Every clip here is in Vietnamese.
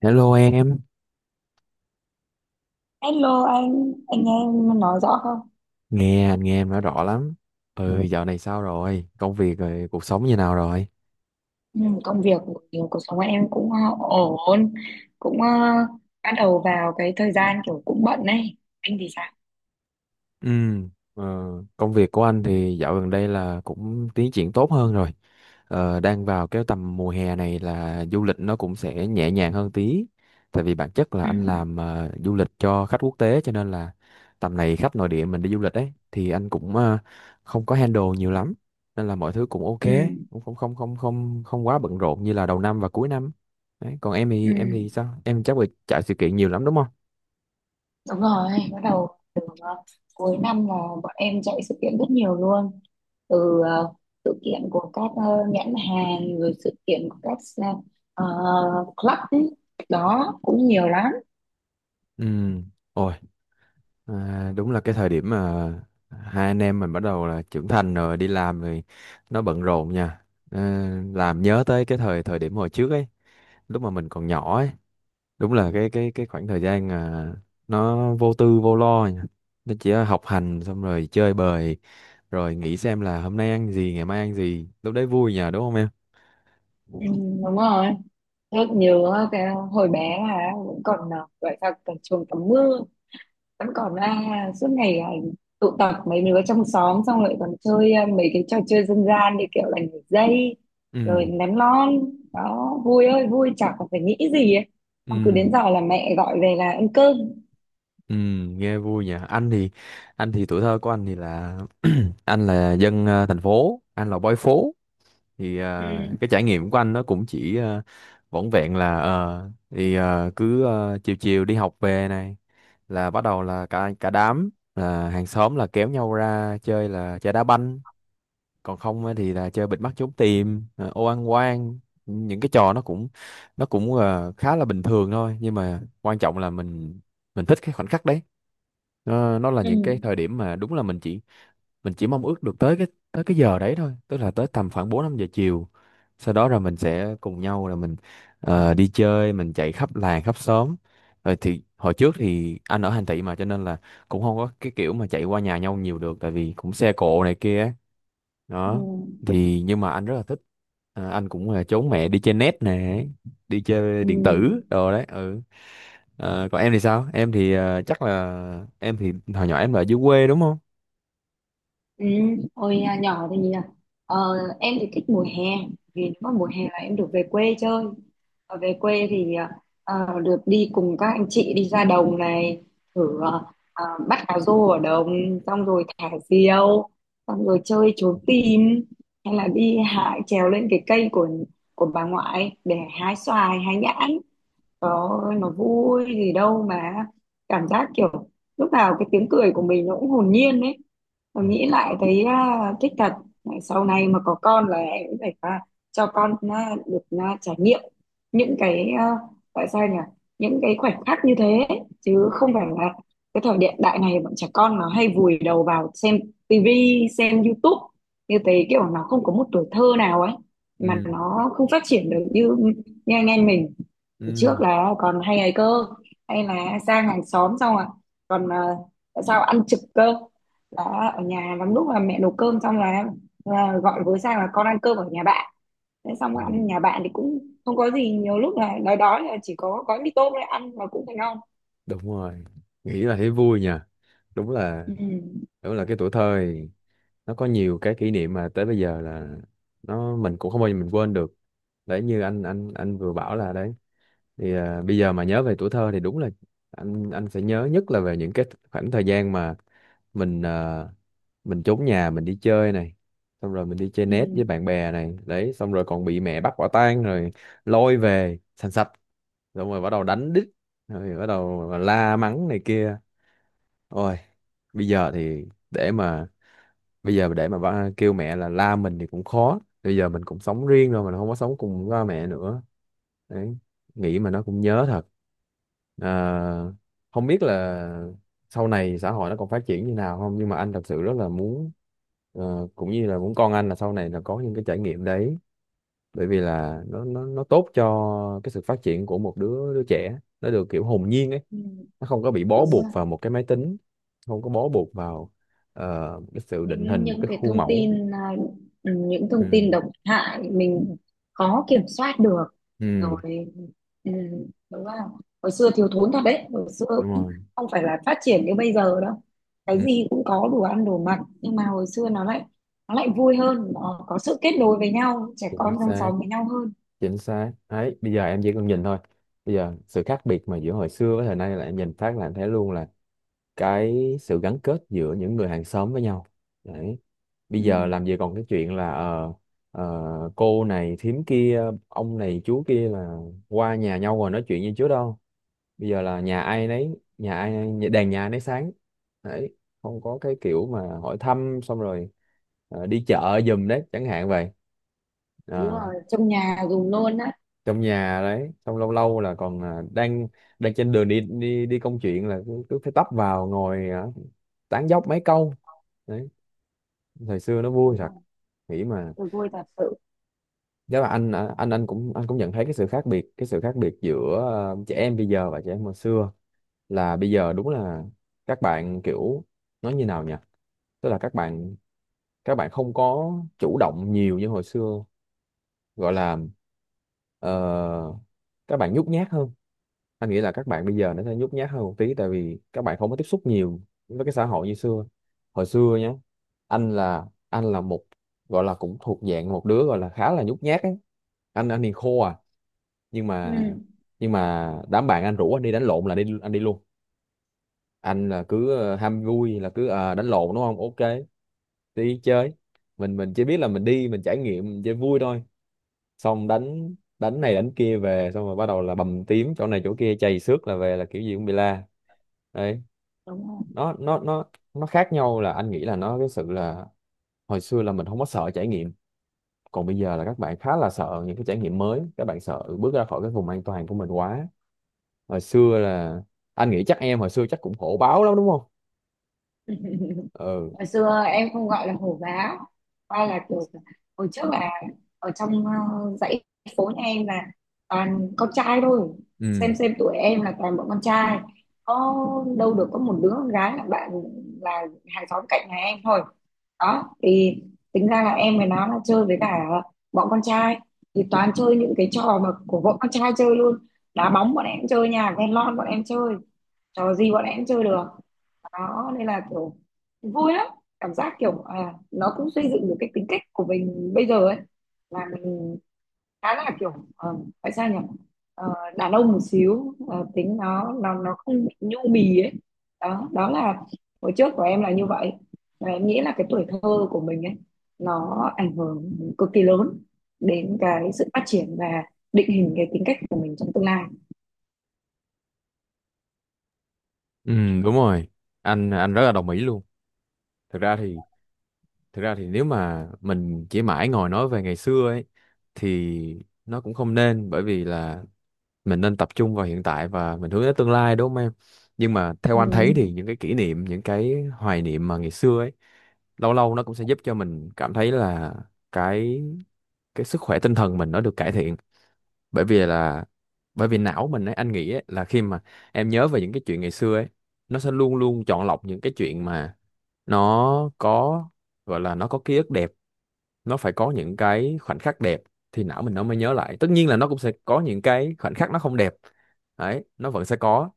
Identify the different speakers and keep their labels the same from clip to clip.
Speaker 1: Hello em,
Speaker 2: Hello anh nghe em nói rõ không?
Speaker 1: nghe anh nghe em nói rõ lắm. Ừ. Ừ, dạo này sao rồi? Công việc rồi, cuộc sống như nào rồi?
Speaker 2: Ừ, công việc kiểu cuộc sống của em cũng ổn, cũng bắt đầu vào cái thời gian kiểu cũng bận ấy. Anh thì sao?
Speaker 1: Ừ, ờ, Công việc của anh thì dạo gần đây là cũng tiến triển tốt hơn rồi. Ờ, đang vào cái tầm mùa hè này là du lịch nó cũng sẽ nhẹ nhàng hơn tí. Tại vì bản chất là
Speaker 2: Ừ,
Speaker 1: anh làm du lịch cho khách quốc tế cho nên là tầm này khách nội địa mình đi du lịch ấy thì anh cũng không có handle nhiều lắm. Nên là mọi thứ cũng ok,
Speaker 2: ừ,
Speaker 1: cũng không không không không không quá bận rộn như là đầu năm và cuối năm. Đấy, còn em
Speaker 2: ừ.
Speaker 1: thì em thì sao? Em chắc là chạy sự kiện nhiều lắm đúng không?
Speaker 2: Đúng rồi, bắt đầu từ cuối năm là bọn em chạy sự kiện rất nhiều luôn. Từ sự kiện của các nhãn hàng, rồi sự kiện của các ờ, club ấy. Đó, cũng nhiều lắm.
Speaker 1: Ừ. Ôi, đúng là cái thời điểm mà hai anh em mình bắt đầu là trưởng thành rồi đi làm rồi nó bận rộn nha, làm nhớ tới cái thời thời điểm hồi trước ấy, lúc mà mình còn nhỏ ấy. Đúng là cái khoảng thời gian nó vô tư vô lo nha. Nó chỉ học hành xong rồi chơi bời rồi nghĩ xem là hôm nay ăn gì ngày mai ăn gì, lúc đấy vui nha đúng không em?
Speaker 2: Ừ, đúng rồi. Rất nhớ cái hồi bé là cũng còn gọi là còn chuồng tắm mưa vẫn còn ra suốt ngày tụ tập mấy đứa trong xóm xong rồi còn chơi mấy cái trò chơi dân gian như kiểu là nhảy dây rồi
Speaker 1: ừ
Speaker 2: ném lon, đó vui ơi vui, chả còn phải nghĩ gì ấy. Xong cứ
Speaker 1: ừ
Speaker 2: đến giờ là mẹ gọi về là ăn cơm.
Speaker 1: ừ Nghe vui nhỉ. Anh thì tuổi thơ của anh thì là anh là dân thành phố, anh là boy phố. Thì
Speaker 2: Ừ,
Speaker 1: cái trải nghiệm của anh nó cũng chỉ vỏn vẹn là ờ, thì ờ, cứ ờ, chiều chiều đi học về này là bắt đầu là cả cả đám, là hàng xóm là kéo nhau ra chơi, là chơi đá banh. Còn không á thì là chơi bịt mắt trốn tìm, ô ăn quan. Những cái trò nó cũng khá là bình thường thôi, nhưng mà quan trọng là mình thích cái khoảnh khắc đấy. Nó là
Speaker 2: ừ,
Speaker 1: những cái thời điểm mà đúng là mình chỉ mong ước được tới tới cái giờ đấy thôi, tức là tới tầm khoảng 4 5 giờ chiều, sau đó rồi mình sẽ cùng nhau là mình đi chơi, mình chạy khắp làng khắp xóm. Rồi thì hồi trước thì anh ở thành thị mà cho nên là cũng không có cái kiểu mà chạy qua nhà nhau nhiều được, tại vì cũng xe cộ này kia á.
Speaker 2: ừ,
Speaker 1: Đó, thì nhưng mà anh rất là thích. Ờ, anh cũng là trốn mẹ đi chơi net nè, đi chơi
Speaker 2: ừ.
Speaker 1: điện tử đồ đấy, ừ. Ờ, còn em thì sao? Em thì chắc là em thì hồi nhỏ em là ở dưới quê đúng không?
Speaker 2: Ừ, hồi nhỏ thì nhỉ, ờ, em thì thích mùa hè vì nếu mà mùa hè là em được về quê chơi, ở về quê thì được đi cùng các anh chị đi ra đồng này, thử bắt cá rô ở đồng xong rồi thả diều, xong rồi chơi trốn tìm, hay là đi hái, trèo lên cái cây của bà ngoại để hái xoài hái nhãn. Đó nó vui gì đâu mà, cảm giác kiểu lúc nào cái tiếng cười của mình nó cũng hồn nhiên ấy. Tôi
Speaker 1: Ừ.
Speaker 2: nghĩ lại thấy thích thật. Này, sau này mà có con là em cũng phải cho con được trải nghiệm những cái à, tại sao nhỉ những cái khoảnh khắc như thế, chứ không phải là cái thời hiện đại này bọn trẻ con nó hay vùi đầu vào xem tivi xem YouTube như thế, kiểu nó không có một tuổi thơ nào ấy, mà
Speaker 1: Ừ.
Speaker 2: nó không phát triển được như như anh em mình. Hồi
Speaker 1: Ừ,
Speaker 2: trước là còn hay ấy cơ, hay là sang hàng xóm xong còn à, tại sao ăn trực cơ. Đó ở nhà lắm lúc là mẹ nấu cơm xong là gọi với sang là con ăn cơm ở nhà bạn, thế xong
Speaker 1: ừ,
Speaker 2: ăn nhà bạn thì cũng không có gì, nhiều lúc là nói đói là chỉ có gói mì tôm để ăn mà cũng thấy ngon.
Speaker 1: Đúng rồi, nghĩ là thấy vui nha. đúng là
Speaker 2: Ừ,
Speaker 1: Đúng là cái tuổi thơ thì nó có nhiều cái kỷ niệm mà tới bây giờ là mình cũng không bao giờ mình quên được. Đấy, như anh vừa bảo là đấy, thì bây giờ mà nhớ về tuổi thơ thì đúng là anh sẽ nhớ nhất là về những cái khoảng thời gian mà mình à, mình trốn nhà mình đi chơi này, xong rồi mình đi chơi net
Speaker 2: ừ,
Speaker 1: với bạn bè này. Đấy, xong rồi còn bị mẹ bắt quả tang rồi lôi về sành sạch, xong rồi bắt đầu đánh đít rồi bắt đầu la mắng này kia. Ôi, bây giờ thì để mà để mà kêu mẹ là la mình thì cũng khó, bây giờ mình cũng sống riêng rồi, mình không có sống cùng ba mẹ nữa. Đấy, nghĩ mà nó cũng nhớ thật. à, Không biết là sau này xã hội nó còn phát triển như nào không, nhưng mà anh thật sự rất là muốn, cũng như là muốn con anh là sau này là có những cái trải nghiệm đấy, bởi vì là nó tốt cho cái sự phát triển của một đứa đứa trẻ, nó được kiểu hồn nhiên ấy,
Speaker 2: ừ,
Speaker 1: nó không có bị bó
Speaker 2: đúng
Speaker 1: buộc
Speaker 2: rồi.
Speaker 1: vào một cái máy tính, không có bó buộc vào cái sự định
Speaker 2: những
Speaker 1: hình một
Speaker 2: những
Speaker 1: cái
Speaker 2: cái
Speaker 1: khuôn
Speaker 2: thông
Speaker 1: mẫu.
Speaker 2: tin ừ, những
Speaker 1: ừ
Speaker 2: thông tin độc hại mình khó kiểm soát được
Speaker 1: ừ
Speaker 2: rồi. Ừ, đúng không, hồi xưa thiếu thốn thật đấy, hồi xưa
Speaker 1: Đúng
Speaker 2: cũng
Speaker 1: rồi.
Speaker 2: không phải là phát triển như bây giờ đâu, cái
Speaker 1: Ừ.
Speaker 2: gì cũng có đủ ăn đủ mặc, nhưng mà hồi xưa nó lại vui hơn, nó có sự kết nối với nhau, trẻ
Speaker 1: Chính
Speaker 2: con trong
Speaker 1: xác,
Speaker 2: xóm với nhau hơn.
Speaker 1: chính xác đấy. Bây giờ em chỉ cần nhìn thôi, bây giờ sự khác biệt mà giữa hồi xưa với thời nay là em nhìn phát là em thấy luôn là cái sự gắn kết giữa những người hàng xóm với nhau. Đấy, bây
Speaker 2: Ừ,
Speaker 1: giờ làm gì còn cái chuyện là ờ, cô này thím kia ông này chú kia là qua nhà nhau rồi nói chuyện như trước đâu. Bây giờ là nhà ai nấy, đèn nhà nấy sáng. Đấy, không có cái kiểu mà hỏi thăm xong rồi đi chợ giùm đấy chẳng hạn vậy.
Speaker 2: đúng
Speaker 1: Ờ,
Speaker 2: rồi, trong nhà dùng luôn á.
Speaker 1: trong nhà đấy. Xong lâu lâu là còn à, đang đang trên đường đi đi đi công chuyện là cứ phải tấp vào ngồi tán dóc mấy câu. Đấy, thời xưa nó vui
Speaker 2: Đúng
Speaker 1: thật,
Speaker 2: rồi.
Speaker 1: nghĩ mà.
Speaker 2: Tôi vui thật sự.
Speaker 1: Chắc là anh cũng nhận thấy cái sự khác biệt, giữa trẻ em bây giờ và trẻ em hồi xưa. Là bây giờ đúng là các bạn kiểu, nói như nào nhỉ, tức là các bạn không có chủ động nhiều như hồi xưa. Gọi là ờ, các bạn nhút nhát hơn. Anh nghĩ là các bạn bây giờ nó sẽ nhút nhát hơn một tí, tại vì các bạn không có tiếp xúc nhiều với cái xã hội như xưa. Hồi xưa nhé, anh là một, gọi là cũng thuộc dạng một đứa gọi là khá là nhút nhát ấy. Anh thì khô à Nhưng
Speaker 2: Ừ,
Speaker 1: mà đám bạn anh rủ anh đi đánh lộn là đi, anh đi luôn. Anh là cứ ham vui, là cứ đánh lộn đúng không, ok, đi chơi. Mình chỉ biết là mình đi, mình trải nghiệm, mình chơi vui thôi. Xong đánh đánh này đánh kia về, xong rồi bắt đầu là bầm tím chỗ này chỗ kia, chày xước, là về là kiểu gì cũng bị la. Đấy,
Speaker 2: đúng rồi,
Speaker 1: nó nó nó nó khác nhau là anh nghĩ là cái sự là hồi xưa là mình không có sợ trải nghiệm, còn bây giờ là các bạn khá là sợ những cái trải nghiệm mới, các bạn sợ bước ra khỏi cái vùng an toàn của mình quá. Hồi xưa là, anh nghĩ chắc em hồi xưa chắc cũng khổ báo lắm đúng không? Ừ.
Speaker 2: hồi xưa em không gọi là hổ báo, coi là kiểu hồi trước là ở trong dãy phố nhà em là toàn con trai thôi,
Speaker 1: Ừ,
Speaker 2: xem tuổi em là toàn bọn con trai, có đâu được, có một đứa con gái là bạn là hàng xóm cạnh nhà em thôi. Đó thì tính ra là em với nó là chơi với cả bọn con trai, thì toàn chơi những cái trò mà của bọn con trai chơi luôn. Đá bóng bọn em chơi, nhà ghen lon bọn em chơi, trò gì bọn em chơi được. Đó nên là kiểu vui lắm, cảm giác kiểu nó cũng xây dựng được cái tính cách của mình bây giờ ấy, là mình khá là kiểu ờ, phải sao nhỉ Ờ, đàn ông một xíu, tính nó không bị nhu mì ấy. Đó đó là hồi trước của em là như vậy, và em nghĩ là cái tuổi thơ của mình ấy nó ảnh hưởng cực kỳ lớn đến cái sự phát triển và định hình cái tính cách của mình trong tương lai.
Speaker 1: ừ, Đúng rồi. Anh rất là đồng ý luôn. Thực ra thì Thực ra thì nếu mà mình chỉ mãi ngồi nói về ngày xưa ấy thì nó cũng không nên, bởi vì là mình nên tập trung vào hiện tại và mình hướng đến tương lai đúng không em? Nhưng mà theo anh thấy thì
Speaker 2: Ừ.
Speaker 1: những cái kỷ niệm, những cái hoài niệm mà ngày xưa ấy, lâu lâu nó cũng sẽ giúp cho mình cảm thấy là cái cái sức khỏe tinh thần mình nó được cải thiện. Bởi vì là, bởi vì não mình ấy, anh nghĩ ấy, là khi mà em nhớ về những cái chuyện ngày xưa ấy, nó sẽ luôn luôn chọn lọc những cái chuyện mà nó có, gọi là nó có ký ức đẹp, nó phải có những cái khoảnh khắc đẹp thì não mình nó mới nhớ lại. Tất nhiên là nó cũng sẽ có những cái khoảnh khắc nó không đẹp, đấy nó vẫn sẽ có,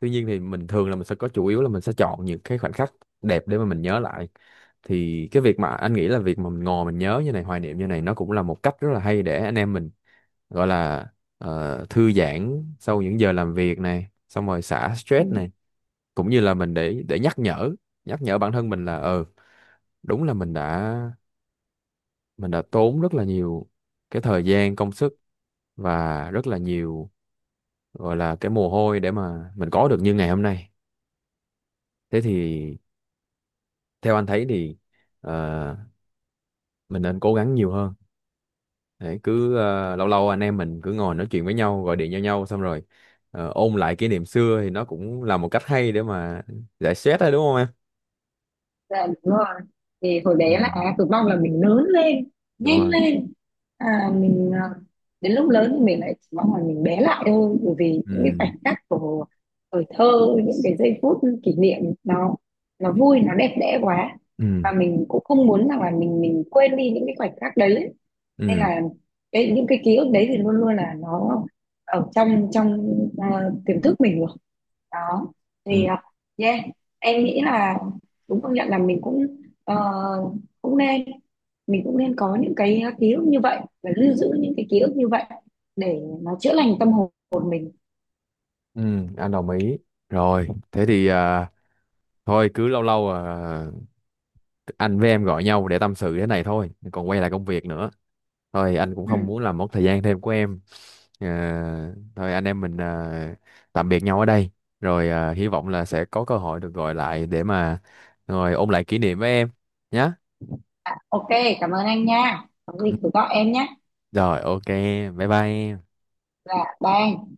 Speaker 1: tuy nhiên thì mình thường là mình sẽ có chủ yếu là mình sẽ chọn những cái khoảnh khắc đẹp để mà mình nhớ lại. Thì cái việc mà anh nghĩ là việc mà mình ngồi mình nhớ như này, hoài niệm như này, nó cũng là một cách rất là hay để anh em mình gọi là thư giãn sau những giờ làm việc này, xong rồi xả
Speaker 2: Ừ.
Speaker 1: stress này, cũng như là mình để nhắc nhở bản thân mình là ờ, đúng là mình đã tốn rất là nhiều cái thời gian công sức và rất là nhiều, gọi là cái mồ hôi, để mà mình có được như ngày hôm nay. Thế thì theo anh thấy thì ờ, mình nên cố gắng nhiều hơn để cứ lâu lâu anh em mình cứ ngồi nói chuyện với nhau, gọi điện cho nhau xong rồi ôn lại kỷ niệm xưa thì nó cũng là một cách hay để mà giải stress đấy đúng không em?
Speaker 2: Dạ đúng rồi, thì hồi
Speaker 1: Ừ.
Speaker 2: bé là á, cực mong là mình lớn lên
Speaker 1: Đúng
Speaker 2: nhanh
Speaker 1: rồi.
Speaker 2: lên, mình đến lúc lớn thì mình lại chỉ mong là mình bé lại thôi, bởi vì những cái
Speaker 1: ừ
Speaker 2: khoảnh khắc của tuổi thơ, những cái giây phút kỷ niệm, nó vui, nó đẹp đẽ quá,
Speaker 1: ừ
Speaker 2: và mình cũng không muốn rằng là mình quên đi những cái khoảnh khắc đấy ấy. Nên
Speaker 1: ừ
Speaker 2: là cái những cái ký ức đấy thì luôn luôn là nó ở trong trong à, tiềm thức mình rồi. Đó thì
Speaker 1: ừ
Speaker 2: yeah, em nghĩ là đúng, công nhận là mình cũng ờ, cũng nên, mình cũng nên có những cái ký ức như vậy và lưu giữ những cái ký ức như vậy để nó chữa lành tâm hồn mình.
Speaker 1: ừ, anh đồng ý. Rồi thế thì thôi cứ lâu lâu anh với em gọi nhau để tâm sự thế này thôi, còn quay lại công việc nữa. Thôi anh cũng
Speaker 2: Ừ.
Speaker 1: không muốn làm mất thời gian thêm của em. Ờ, thôi anh em mình tạm biệt nhau ở đây. Rồi ờ, hy vọng là sẽ có cơ hội được gọi lại để mà rồi ôn lại kỷ niệm với em nhé.
Speaker 2: À, ok, cảm ơn anh nha, có gì cứ gọi em nhé,
Speaker 1: Rồi, ok, bye bye em.
Speaker 2: là bye anh.